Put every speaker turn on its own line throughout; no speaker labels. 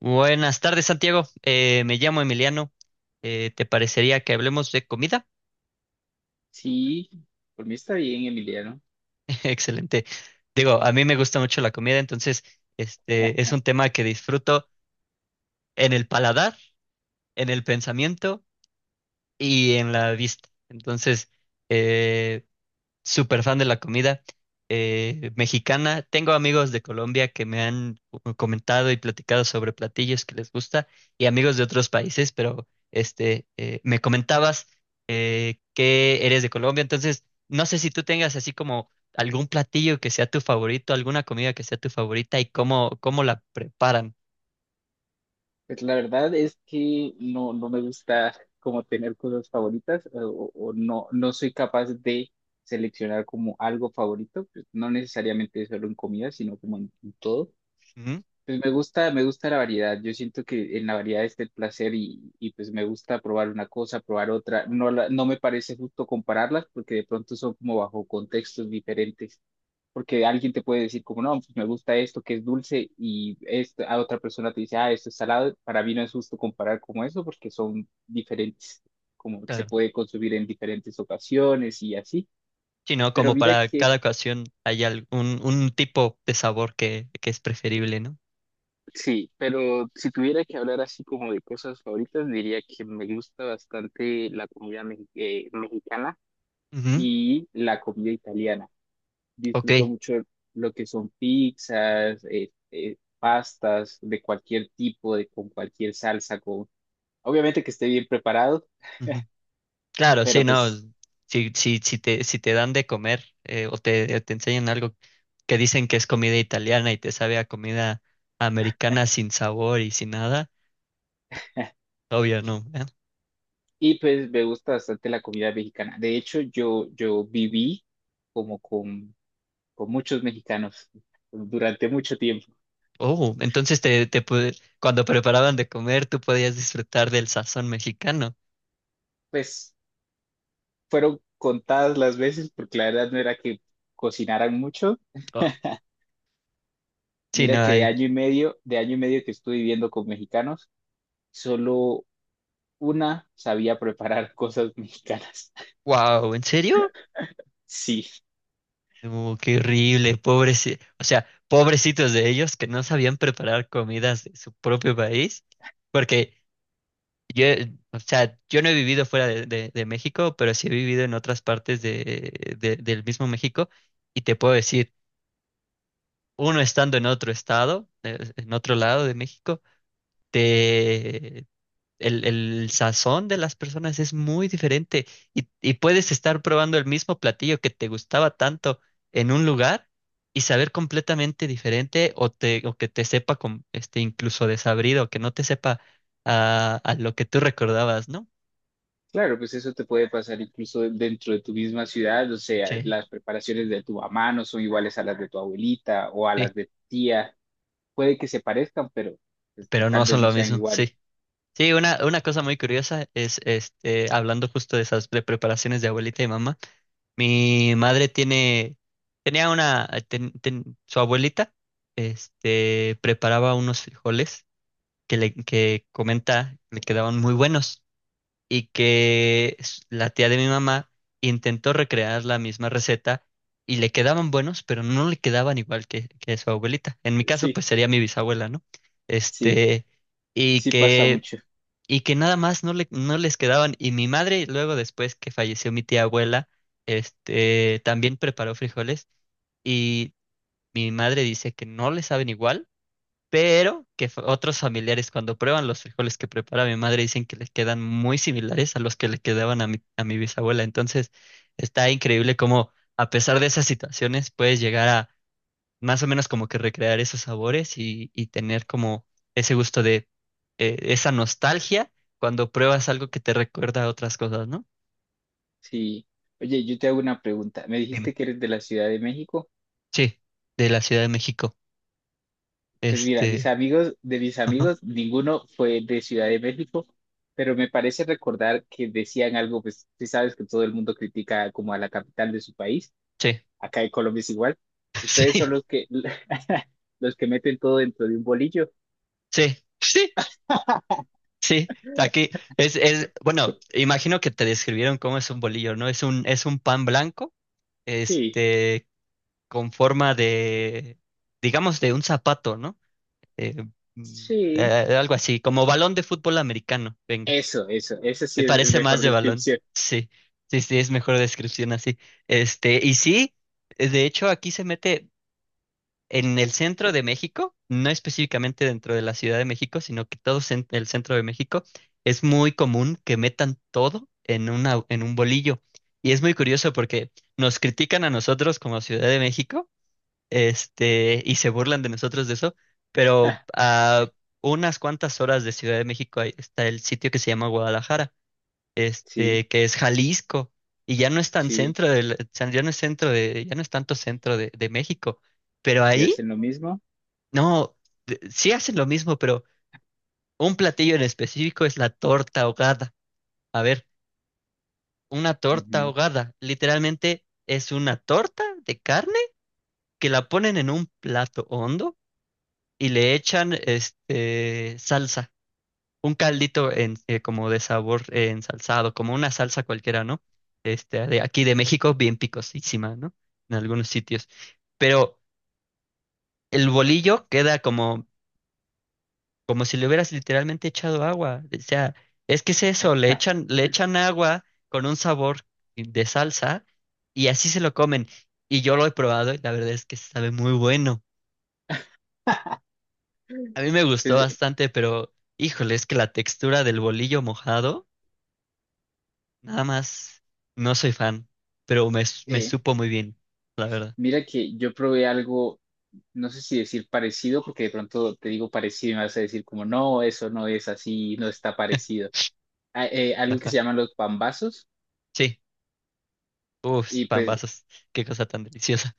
Buenas tardes, Santiago. Me llamo Emiliano. ¿Te parecería que hablemos de comida?
Sí, por mí está bien, Emiliano.
Excelente. Digo, a mí me gusta mucho la comida, entonces este es
Ah,
un tema que disfruto en el paladar, en el pensamiento y en la vista. Entonces, eh, súper fan de la comida mexicana. Tengo amigos de Colombia que me han comentado y platicado sobre platillos que les gusta, y amigos de otros países, pero este, me comentabas que eres de Colombia, entonces no sé si tú tengas así como algún platillo que sea tu favorito, alguna comida que sea tu favorita y cómo la preparan.
pues la verdad es que no me gusta como tener cosas favoritas, o, o no soy capaz de seleccionar como algo favorito, pues no necesariamente solo en comida, sino como en todo.
Ujú,
Pues me gusta la variedad. Yo siento que en la variedad está el placer y pues me gusta probar una cosa, probar otra. No, no me parece justo compararlas porque de pronto son como bajo contextos diferentes. Porque alguien te puede decir como, no, pues me gusta esto que es dulce y esta, a otra persona te dice, ah, esto es salado. Para mí no es justo comparar como eso porque son diferentes, como se
claro.
puede consumir en diferentes ocasiones y así.
Sí, ¿no?
Pero
Como
mira
para
que,
cada ocasión hay algún un tipo de sabor que es preferible, ¿no?
sí, pero si tuviera que hablar así como de cosas favoritas, diría que me gusta bastante la comida mexicana
Ujú.
y la comida italiana.
Ok.
Disfruto mucho lo que son pizzas, pastas de cualquier tipo, de, con cualquier salsa, con, obviamente que esté bien preparado,
Ujú. Claro, sí,
pero
no.
pues,
Si te dan de comer o te enseñan algo que dicen que es comida italiana y te sabe a comida americana sin sabor y sin nada, obvio no. ¿Eh?
y pues me gusta bastante la comida mexicana. De hecho, yo viví como con muchos mexicanos durante mucho tiempo.
Oh, entonces te cuando preparaban de comer tú podías disfrutar del sazón mexicano.
Pues fueron contadas las veces, porque la verdad no era que cocinaran mucho.
Oh, sí, no
Mira que
hay.
de año y medio que estuve viviendo con mexicanos, solo una sabía preparar cosas mexicanas.
Wow, ¿en serio?
Sí,
Oh, qué horrible, pobres, o sea, pobrecitos de ellos que no sabían preparar comidas de su propio país. Porque yo, o sea, yo no he vivido fuera de, de México, pero sí he vivido en otras partes de, del mismo México y te puedo decir, uno estando en otro estado, en otro lado de México, te, el sazón de las personas es muy diferente y puedes estar probando el mismo platillo que te gustaba tanto en un lugar y saber completamente diferente o, te, o que te sepa con, este, incluso desabrido, que no te sepa a lo que tú recordabas, ¿no?
claro, pues eso te puede pasar incluso dentro de tu misma ciudad, o sea,
Sí.
las preparaciones de tu mamá no son iguales a las de tu abuelita o a
Sí,
las de tu tía. Puede que se parezcan, pero pues,
pero no
tal
son
vez no
lo
sean
mismo,
iguales.
sí. Sí, una cosa muy curiosa es, este, hablando justo de esas preparaciones de abuelita y mamá, mi madre tiene, tenía una, su abuelita, este, preparaba unos frijoles que le, que comenta, le quedaban muy buenos, y la tía de mi mamá intentó recrear la misma receta y le quedaban buenos, pero no le quedaban igual que su abuelita. En mi caso,
Sí,
pues sería mi bisabuela, ¿no?
sí,
Este, y
sí pasa
que,
mucho.
y que nada más no le, no les quedaban. Y mi madre, luego después que falleció mi tía abuela, este, también preparó frijoles y mi madre dice que no le saben igual pero que otros familiares cuando prueban los frijoles que prepara mi madre dicen que les quedan muy similares a los que le quedaban a mi bisabuela. Entonces, está increíble cómo a pesar de esas situaciones puedes llegar a más o menos como que recrear esos sabores y tener como ese gusto de esa nostalgia cuando pruebas algo que te recuerda a otras cosas, ¿no?
Sí. Oye, yo te hago una pregunta. Me
Dime.
dijiste que eres de la Ciudad de México.
Sí, de la Ciudad de México.
Pues mira,
Este,
de mis
ajá.
amigos, ninguno fue de Ciudad de México, pero me parece recordar que decían algo, pues tú sabes que todo el mundo critica como a la capital de su país,
Sí,
acá en Colombia es igual, ustedes son
sí,
los que, los que meten todo dentro de un bolillo.
sí, sí. Sí, aquí es, bueno, imagino que te describieron cómo es un bolillo, ¿no? Es un pan blanco,
Sí,
este, con forma de, digamos, de un zapato, ¿no? Eh, mm, eh,
sí,
Algo así, como balón de fútbol americano, venga,
eso, esa
me
sí es la
parece más
mejor
de balón,
descripción.
sí, sí, sí, es mejor descripción así. Este, y sí, de hecho aquí se mete, en el centro de México, no específicamente dentro de la Ciudad de México, sino que todo el centro de México, es muy común que metan todo en una, en un bolillo. Y es muy curioso porque nos critican a nosotros como Ciudad de México, este, y se burlan de nosotros de eso, pero a unas cuantas horas de Ciudad de México ahí está el sitio que se llama Guadalajara,
Sí,
este, que es Jalisco, y ya no es tan
sí,
centro del, ya no es centro de, ya no es tanto centro de México, pero
y
ahí
hacen lo mismo.
no, sí hacen lo mismo, pero un platillo en específico es la torta ahogada. A ver, una torta
Ujú.
ahogada, literalmente es una torta de carne que la ponen en un plato hondo y le echan este salsa, un caldito en, como de sabor ensalzado, como una salsa cualquiera, ¿no? Este, de aquí de México, bien picosísima, ¿no? En algunos sitios. Pero el bolillo queda como como si le hubieras literalmente echado agua. O sea, es que es eso, le echan agua con un sabor de salsa y así se lo comen. Y yo lo he probado y la verdad es que sabe muy bueno. A mí me gustó
Pues,
bastante, pero híjole, es que la textura del bolillo mojado, nada más, no soy fan, pero me
eh,
supo muy bien, la verdad.
mira que yo probé algo, no sé si decir parecido, porque de pronto te digo parecido y me vas a decir como, no, eso no es así, no está parecido. Algo que se llaman los pambazos,
Sí, uff,
y pues,
pambazos, qué cosa tan deliciosa.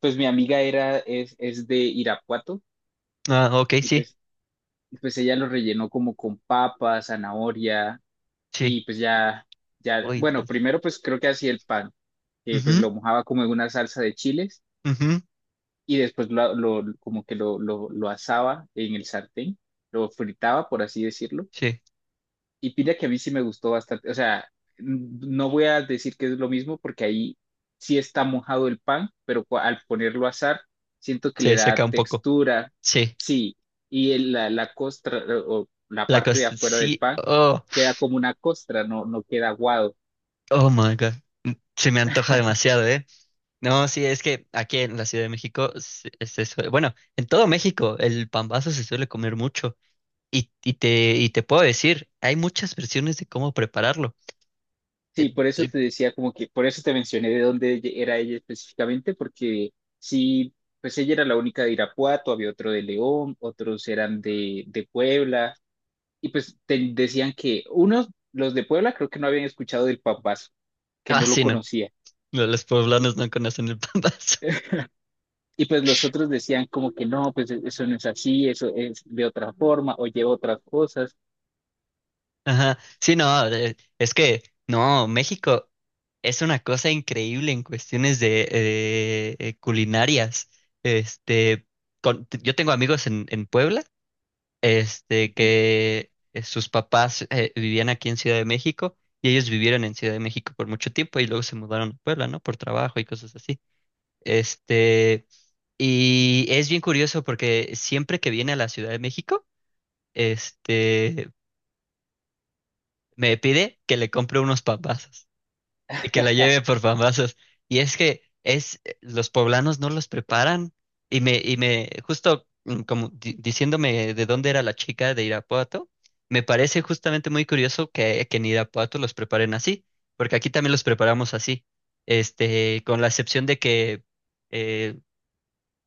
pues mi amiga es de Irapuato,
Ah, ok,
y
sí,
pues, y pues ella lo rellenó como con papa, zanahoria,
sí.
y pues ya, ya,
Uy,
bueno,
Dios.
primero pues creo que hacía el pan, que pues
Ujú,
lo mojaba como en una salsa de chiles,
ujú,
y después como que lo asaba en el sartén, lo fritaba, por así decirlo.
sí,
Y pide que a mí sí me gustó bastante. O sea, n- no voy a decir que es lo mismo porque ahí sí está mojado el pan, pero al ponerlo a asar, siento que le
se seca
da
un poco.
textura.
Sí,
Sí, y la costra o la
la
parte de
costa,
afuera del
sí,
pan
oh,
queda como una costra, no, no queda aguado.
oh my God, se me antoja demasiado, ¿eh? No, sí, es que aquí en la Ciudad de México, bueno, en todo México el pambazo se suele comer mucho y, y te puedo decir, hay muchas versiones de cómo prepararlo. Eh,
Sí, por eso
eh,
te decía como que, por eso te mencioné de dónde era ella específicamente, porque sí, pues ella era la única de Irapuato, había otro de León, otros eran de Puebla. Y pues te decían que unos, los de Puebla, creo que no habían escuchado del papazo, que
ah,
no lo
sí, no,
conocía.
no, los
Y,
poblanos no conocen el pambazo.
y pues los otros decían como que no, pues eso no es así, eso es de otra forma o lleva otras cosas.
Ajá, sí, no, es que, no, México es una cosa increíble en cuestiones de culinarias. Este, yo tengo amigos en Puebla, este,
Ujú.
que sus papás vivían aquí en Ciudad de México y ellos vivieron en Ciudad de México por mucho tiempo y luego se mudaron a Puebla, ¿no? Por trabajo y cosas así. Este, y es bien curioso porque siempre que viene a la Ciudad de México, este, me pide que le compre unos papás. Y que la lleve por famosas. Y es que es, los poblanos no los preparan. Justo mm, como diciéndome de dónde era la chica de Irapuato, me parece justamente muy curioso que en Irapuato los preparen así, porque aquí también los preparamos así. Este, con la excepción de que eh,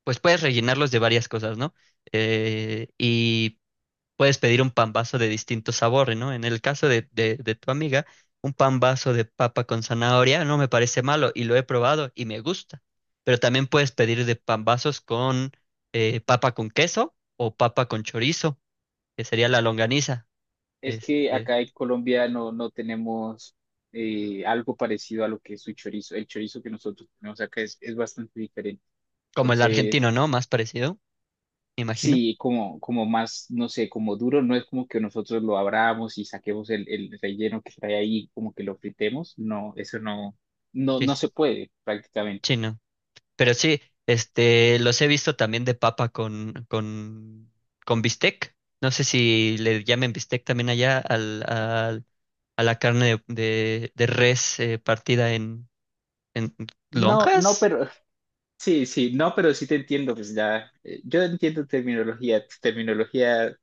pues puedes rellenarlos de varias cosas, ¿no? Y puedes pedir un pan vaso de distinto sabor, ¿no? En el caso de tu amiga, un pan vaso de papa con zanahoria no me parece malo y lo he probado y me gusta. Pero también puedes pedir de pan vasos con papa con queso o papa con chorizo, que sería la longaniza,
Es que
este,
acá en Colombia no tenemos algo parecido a lo que es su chorizo. El chorizo que nosotros tenemos acá es bastante diferente.
como el
Entonces,
argentino, ¿no? Más parecido, me imagino.
sí, como, como más, no sé, como duro, no es como que nosotros lo abramos y saquemos el relleno que trae ahí, como que lo fritemos, no, eso no, no,
Sí,
no
sí,
se puede prácticamente.
chino. Pero sí, este, los he visto también de papa con con bistec. No sé si le llamen bistec también allá al, al a la carne de, de res partida en
No, no,
lonjas
pero sí, sí, no, pero sí te entiendo, pues ya, yo entiendo terminología, tu terminología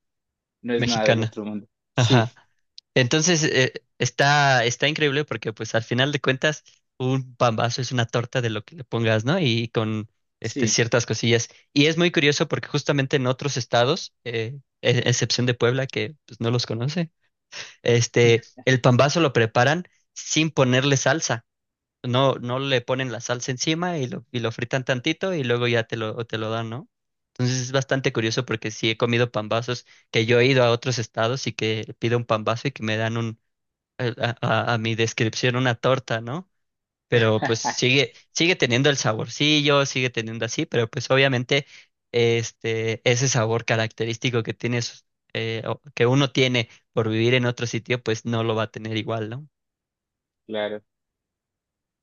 no es nada del
mexicana.
otro mundo. Sí,
Ajá. Entonces, está, está increíble porque pues al final de cuentas un pambazo es una torta de lo que le pongas, ¿no? Y con este,
sí,
ciertas cosillas. Y es muy curioso porque justamente en otros estados, excepción de Puebla, que pues, no los conoce, este, el pambazo lo preparan sin ponerle salsa. No, no le ponen la salsa encima y lo fritan tantito y luego ya te lo dan, ¿no? Entonces es bastante curioso porque sí he comido pambazos que yo he ido a otros estados y que pido un pambazo y que me dan un, eh, a, a mi descripción una torta, ¿no? Pero pues sigue, sigue teniendo el saborcillo, sigue teniendo así, pero pues obviamente este, ese sabor característico que tienes, que uno tiene por vivir en otro sitio, pues no lo va a tener igual, ¿no?
claro,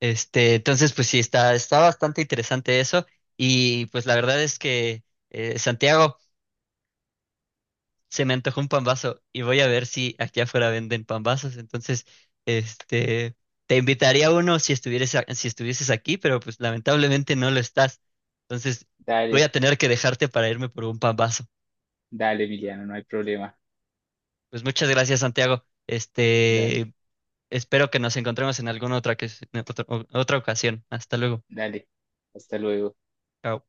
Este, entonces, pues sí, está, está bastante interesante eso. Y pues la verdad es que, Santiago, se me antojó un pambazo y voy a ver si aquí afuera venden pambazos. Entonces, este, te invitaría a uno si estuvieras, si estuvieses aquí, pero pues lamentablemente no lo estás. Entonces, voy
dale,
a tener que dejarte para irme por un pambazo.
dale, Emiliano, no hay problema,
Pues muchas gracias, Santiago.
dale,
Este, espero que nos encontremos en alguna otra, en otra otra ocasión. Hasta luego.
dale, hasta luego.
Chao.